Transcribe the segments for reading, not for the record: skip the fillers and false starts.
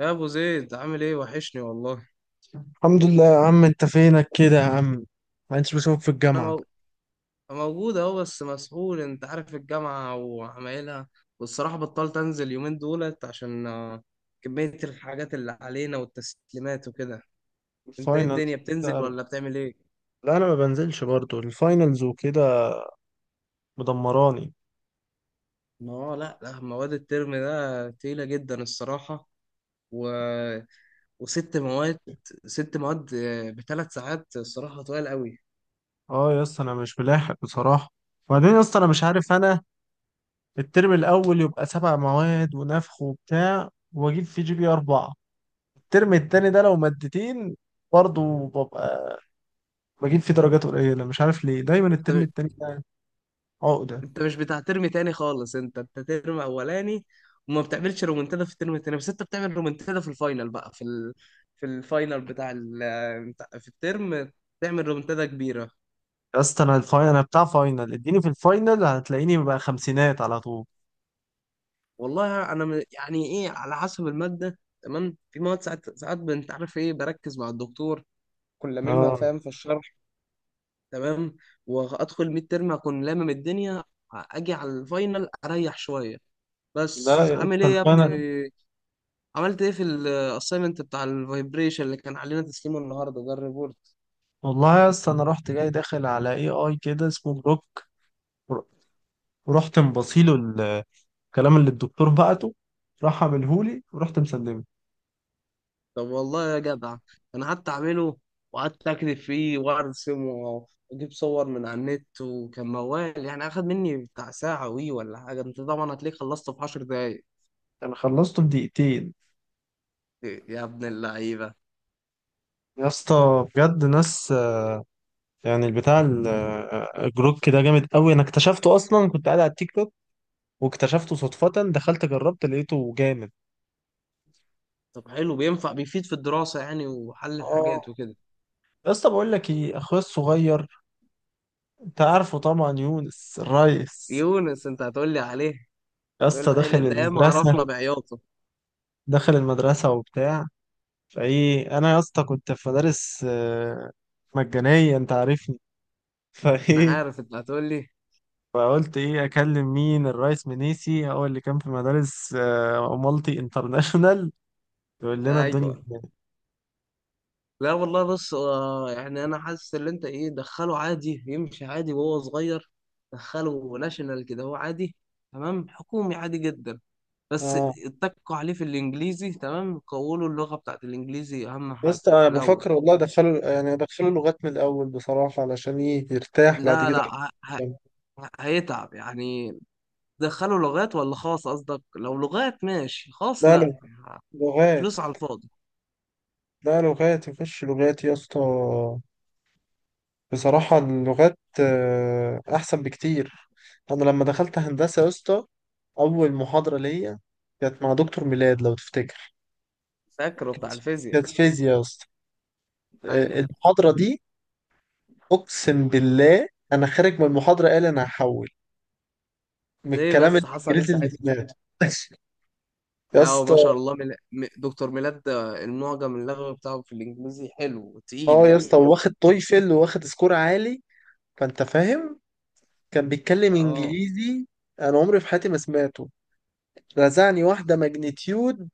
يا ابو زيد، عامل ايه؟ وحشني والله. الحمد لله يا عم. انت فينك كده يا عم؟ ما انتش بشوفك في انا الجامعة. مو... موجود اهو، بس مسحول. انت عارف الجامعه وعمايلها. والصراحه بطلت انزل يومين دولت عشان كميه الحاجات اللي علينا والتسليمات وكده. انت ايه الدنيا، الفاينلز. بتنزل لا. ولا بتعمل ايه؟ انا ما بنزلش برضو الفاينلز وكده، مدمراني. ما هو لا لا، مواد الترم ده تقيله جدا الصراحه. و... وست مواد، ست مواد بثلاث ساعات الصراحه طويل قوي. اه يا اسطى انا مش ملاحق بصراحة. وبعدين يا اسطى انا مش عارف، انا الترم الاول يبقى سبع مواد ونفخ وبتاع واجيب فيه جي بي اربعة، الترم التاني ده لو مادتين برضو ببقى بجيب فيه درجات قليلة. مش عارف ليه دايما الترم التاني ده عقدة. انت مش بتاع ترم تاني خالص، انت ترم اولاني وما بتعملش رومنتادا في الترم التاني، بس انت بتعمل رومنتادا في الفاينل بقى، في ال... في الفاينل بتاع ال... بتاع- في الترم تعمل رومنتادا كبيره. يا اسطى انا الفاينل، انا بتاع فاينل، اديني في الفاينل هتلاقيني ببقى خمسينات على طول. والله يعني ايه، على حسب الماده. تمام، في مواد ساعات ساعات انت عارف ايه، بركز مع الدكتور كل لاممها، اه. فاهم في الشرح تمام. وادخل ميد ترم اكون لامم الدنيا، اجي على الفاينل اريح شويه. لا بس يا عامل اسطى ايه يا ابني؟ فانا، عملت ايه في الاسايمنت بتاع الفايبريشن اللي كان علينا تسليمه النهارده ده، الريبورت؟ والله يا اسطى انا رحت جاي داخل على اي اي كده اسمه بروك، ورحت مبصيله الكلام اللي الدكتور بعته، راح عملهولي ورحت مسلمه. طب والله يا جدع، انا قعدت اعمله وقعدت اكتب فيه وارسم واجيب صور من على النت، وكان موال يعني، اخد مني بتاع ساعه وي ولا حاجه. انت طبعا هتلاقيه خلصته في 10 دقايق. انا خلصته في دقيقتين. يا ابن اللعيبه! يا اسطى بجد ناس يعني البتاع الجروك ده جامد قوي. انا اكتشفته اصلا كنت قاعد على التيك توك واكتشفته صدفة، دخلت جربت لقيته جامد. طب حلو، بينفع بيفيد في الدراسه يعني وحل الحاجات اه. وكده؟ يا اسطى بقول لك ايه، اخويا الصغير، انت عارفه طبعا، يونس الريس. يونس، انت هتقول لي عليه؟ يا هتقول اسطى لي داخل عليه. ده ياما عرفنا المدرسة. بعياطه. داخل المدرسة وبتاع. فايه انا يا اسطى كنت في مدارس مجانية، انت عارفني. انا فايه، عارف انت هتقول لي. فقلت ايه اكلم مين؟ الرئيس منيسي هو اللي كان في مدارس مالتي انترناشونال. يقول لنا الدنيا. ايوه. لا والله، بص يعني انا حاسس ان انت ايه، دخله عادي يمشي عادي وهو صغير. دخله ناشونال كده هو عادي، تمام، حكومي عادي جدا، بس. اه اتكوا عليه في الانجليزي تمام قولوا اللغة بتاعت الانجليزي اهم يا حاجة اسطى انا في الاول بفكر والله ادخله، يعني ادخله لغات من الاول بصراحه، علشان ايه يرتاح بعد لا كده. لا، هيتعب يعني. دخله لغات ولا خاص؟ قصدك لو لغات ماشي، خاص لا لا، لا لغات. فلوس على الفاضي. لا لغات، يخش لغات يا اسطى. بصراحة اللغات أحسن بكتير. أنا لما دخلت هندسة يا اسطى، أول محاضرة ليا كانت مع دكتور ميلاد لو تفتكر. فاكره كانت، بتاع الفيزياء؟ فيزياء يا اسطى، ايوه. المحاضرة دي. أقسم بالله أنا خارج من المحاضرة قال أنا هحول، من ليه الكلام بس، حصل ايه الإنجليزي اللي ساعتها؟ سمعته. يا لا اسطى. وما شاء الله، دكتور ميلاد ده المعجم اللغوي بتاعه في الانجليزي حلو وتقيل اه يا يعني. اسطى واخد تويفل واخد سكور عالي، فأنت فاهم، كان بيتكلم اه. إنجليزي. أنا عمري في حياتي ما سمعته. رزعني واحدة ماجنتيود.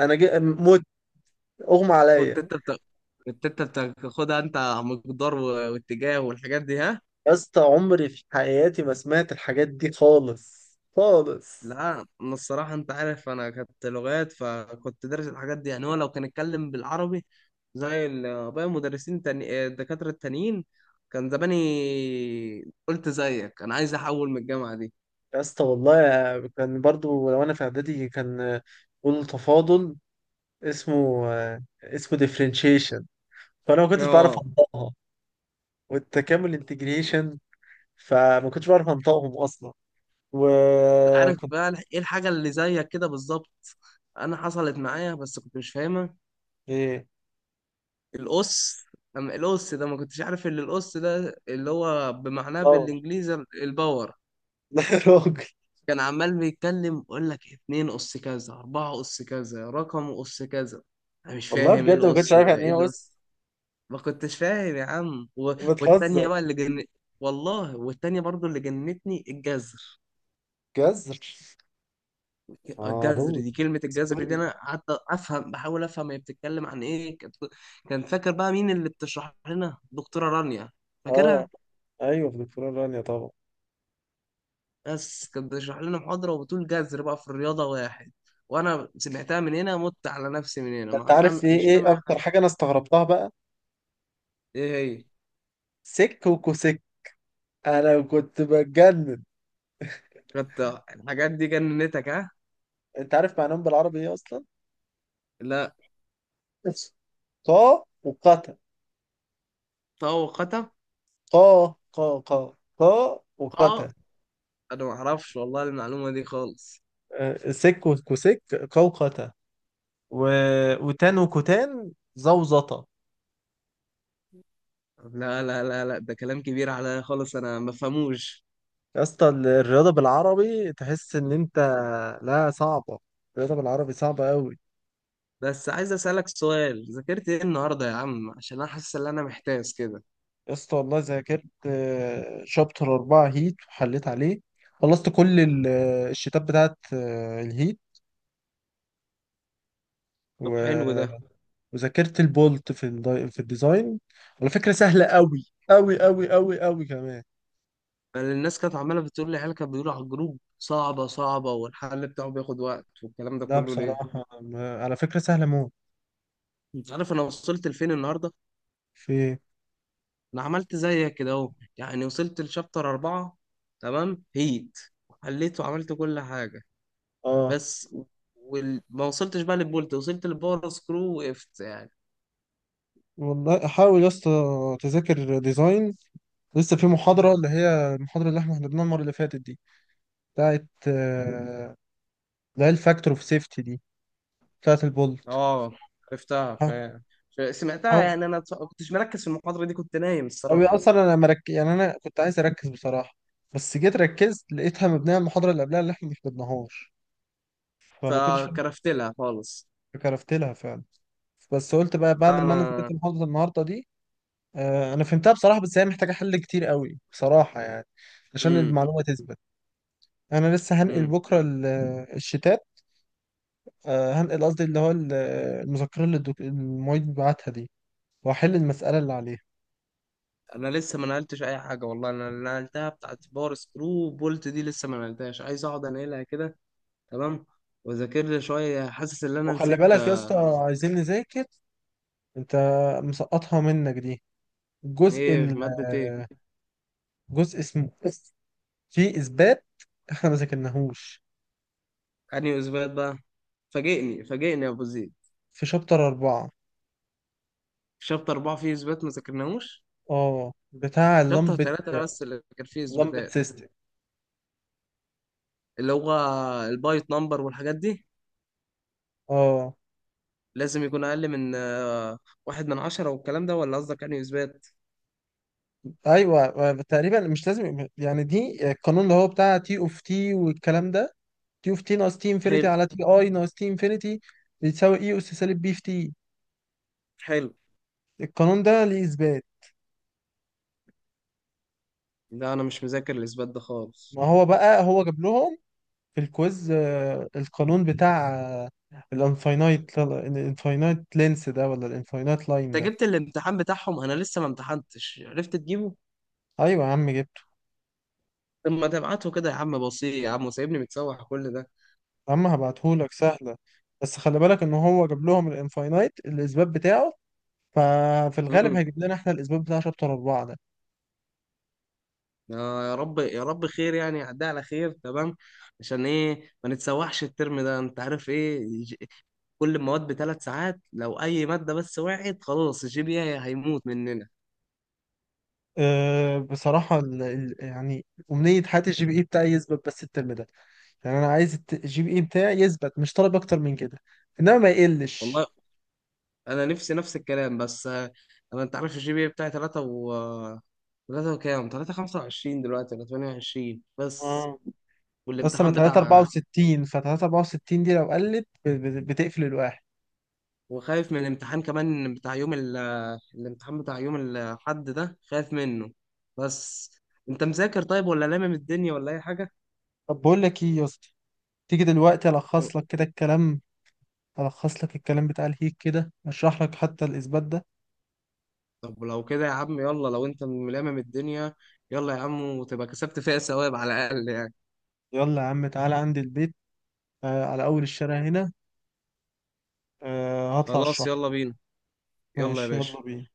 أنا جا... اغمى كنت عليا. انت بت... كنت انت بتاخدها انت على مقدار واتجاه والحاجات دي، ها؟ يا اسطى عمري في حياتي ما سمعت الحاجات دي خالص خالص. لا، انا الصراحه، انت عارف انا كنت لغات فكنت دارس الحاجات دي يعني. هو لو كان اتكلم بالعربي زي باقي المدرسين، تاني... آه، الدكاتره التانيين، كان زماني قلت زيك، انا عايز احول من الجامعه دي. يا اسطى والله كان برضو لو انا في اعدادي كان بيقولوا تفاضل، اسمه اسمه ديفرنشيشن، فانا ما كنتش بعرف اه. انطقها. والتكامل انتجريشن، فما كنتش بعرف انطقهم اصلا. عارف وكنت. بقى ايه الحاجة اللي زيك كده بالظبط؟ انا حصلت معايا بس كنت مش فاهمها. ايه. القص. اما القص ده، ما كنتش عارف ان القص ده اللي هو بمعناه لا لا بالانجليزي الباور. يا راجل. كان عمال بيتكلم يقول لك اتنين قص كذا، اربعة قص كذا، رقم قص كذا. انا مش والله فاهم ايه بجد ما كنتش القص عارف ده، يعني ايه ايه القص. اس. ما كنتش فاهم يا عم. والتانية بتهزر. بقى اللي جن. والله، والتانية برضو اللي جنتني، الجزر. جزر. اه الجذر رود. دي، كلمة الجذر سوري. دي أنا قعدت أفهم، بحاول أفهم هي بتتكلم عن إيه. كانت، كان فاكر بقى مين اللي بتشرح لنا؟ دكتورة رانيا. اه. فاكرها؟ ايوه في دكتوراه رانيا طبعا. بس كانت بتشرح لنا محاضرة وبتقول جذر بقى في الرياضة واحد، وأنا سمعتها من هنا، مت على نفسي، من هنا انت ما عارف فاهم، ايه مش فاهم ايه أي اكتر حاجة. حاجه انا استغربتها بقى؟ إيه هي؟ سك وكوسك. انا كنت بتجنن. كانت. الحاجات دي جننتك، ها؟ انت عارف معناهم بالعربي ايه اصلا؟ لا. قا وقتا. طاقة. قا قا قا قا قا. وقتا. أنا ما أعرفش والله المعلومة دي خالص. سك وكوسك. قا وقتا. و... وتان وكتان زوزطة. لا لا لا لا، ده كلام كبير عليا خالص، أنا ما بفهموش. يا اسطى الرياضه بالعربي تحس ان انت، لا صعبه، الرياضه بالعربي صعبه قوي. بس عايز اسالك سؤال، ذاكرت ايه النهارده يا عم؟ عشان انا حاسس ان انا محتاس كده. يا اسطى والله ذاكرت شابتر أربعة هيت وحليت عليه. خلصت كل الشتات بتاعت الهيت، طب حلو و- ده. وذاكرت البولت في في الديزاين. على فكرة سهلة أوي أوي أوي أوي أوي كمان. أنا الناس كانت عماله بتقول لي، العيال كانت بيقولوا على الجروب صعبه صعبه والحل بتاعه بياخد وقت والكلام ده لا كله، ليه؟ بصراحة على فكرة سهلة موت. انت عارف انا وصلت لفين النهارده؟ في. انا عملت زيك كده اهو، يعني وصلت لشابتر 4، تمام، هيت، حليت وعملت كل حاجه. اه. بس ما وصلتش بقى للبولت، وصلت للباور سكرو وقفت يعني. والله حاول يا اسطى تذاكر ديزاين. لسه في محاضرة، اللي هي المحاضرة اللي احنا حضرناها المرة اللي فاتت دي، بتاعت اللي هي الفاكتور اوف سيفتي دي، بتاعت البولت. اه، عرفتها، سمعتها حاول. يعني، انا ما كنتش مركز في المحاضره دي، كنت نايم أو الصراحه اصلا يعني انا كنت عايز اركز بصراحه، بس جيت ركزت لقيتها مبنيه على المحاضره اللي قبلها اللي احنا ما حفظناهاش، فما كنتش فاهم. فكرفت لها خالص. كرفت لها فعلا. بس قلت بقى بعد ما انا ذاكرت انا محاضره النهارده دي، آه انا فهمتها بصراحه، بس هي محتاجه حل كتير قوي بصراحه يعني، عشان امم المعلومه تثبت. انا لسه هنقل امم بكره الشتات، آه هنقل قصدي اللي هو المذكره اللي المعيد بعتها دي، واحل المساله اللي عليها. انا لسه ما نقلتش اي حاجه والله، انا اللي نقلتها بتاعت باور سكرو بولت دي لسه ما نقلتهاش، عايز اقعد انقلها كده تمام، واذاكر لي شويه. حاسس ان انا وخلي نسيت. بالك يا اسطى، عايزين نذاكر. انت مسقطها منك دي، الجزء ايه ال ماده آه، ايه؟ جزء اسمه، في إثبات إحنا ما ذاكرناهوش. انهي اثبات بقى؟ فاجئني فاجئني يا ابو زيد. في شابتر أربعة. شابتر 4 فيه اثبات ما ذاكرناهوش؟ أه بتاع شابتر اللمبد، 3 بس اللي كان فيه لمبد اثباتات، سيستم. اللي هو البايت نمبر والحاجات دي، أه. لازم يكون أقل من 1/10 والكلام ده. ولا قصدك يعني إثبات؟ أيوه تقريبا مش لازم يعني، دي القانون اللي هو بتاع تي أوف تي والكلام ده. تي أوف تي ناقص تي إنفينيتي حلو. على تي أي ناقص تي إنفينيتي بيتساوي إي أس سالب بي في تي. حلو. القانون ده ليه إثبات. لا أنا مش مذاكر الإثبات ده خالص. ما هو بقى هو جاب لهم في الكويز القانون بتاع الانفاينايت لينس ده، ولا الانفاينايت لاين أنت ده؟ جبت الامتحان بتاعهم؟ أنا لسه ما امتحنتش، عرفت تجيبه؟ ايوه يا عم جبته. طب ما تبعته كده يا عم؟ بسيط يا عم، وسايبني متسوح كل ده. يا عم هبعتهولك، سهله. بس خلي بالك ان هو جاب لهم الانفاينايت الاثبات بتاعه، ففي الغالب امم هيجيب لنا احنا الاثبات بتاع شابتر اربعه ده. آه يا رب، يا رب خير يعني، يعدي على خير تمام. عشان ايه ما نتسوحش الترم ده؟ انت عارف ايه، ج- كل المواد بثلاث ساعات، لو اي ماده بس وقعت خلاص الجي بي اي هيموت مننا. أه بصراحه يعني امنيه حياتي الجي بي اي بتاعي يثبت بس الترم ده. يعني انا عايز الجي بي اي بتاعي يثبت، مش طالب اكتر من كده، انما ما والله يقلش. انا نفسي نفس الكلام، بس انا، انت عارف الجي بي بتاعي 3 و 3 وكام، 3 25 دلوقتي ولا 28 بس. بس انا والامتحان بتاع، 364، ف 364 دي لو قلت بتقفل الواحد. وخايف من الامتحان كمان بتاع يوم الامتحان بتاع يوم الحد ده خايف منه بس. انت مذاكر طيب ولا لامم الدنيا ولا اي حاجة؟ طب بقول لك ايه يا اسطى، تيجي دلوقتي لو- الخص لك كده الكلام، الخص لك الكلام بتاع الهيك كده، اشرح لك حتى الاثبات ده. طب لو كده يا عم يلا، لو انت ملامم الدنيا يلا يا عم، وتبقى كسبت فيها ثواب على الاقل يعني. يلا يا عم تعالى عندي البيت، آه على اول الشارع هنا، آه هطلع خلاص اشرح لك. يلا بينا. يلا يا ماشي يلا باشا. بينا.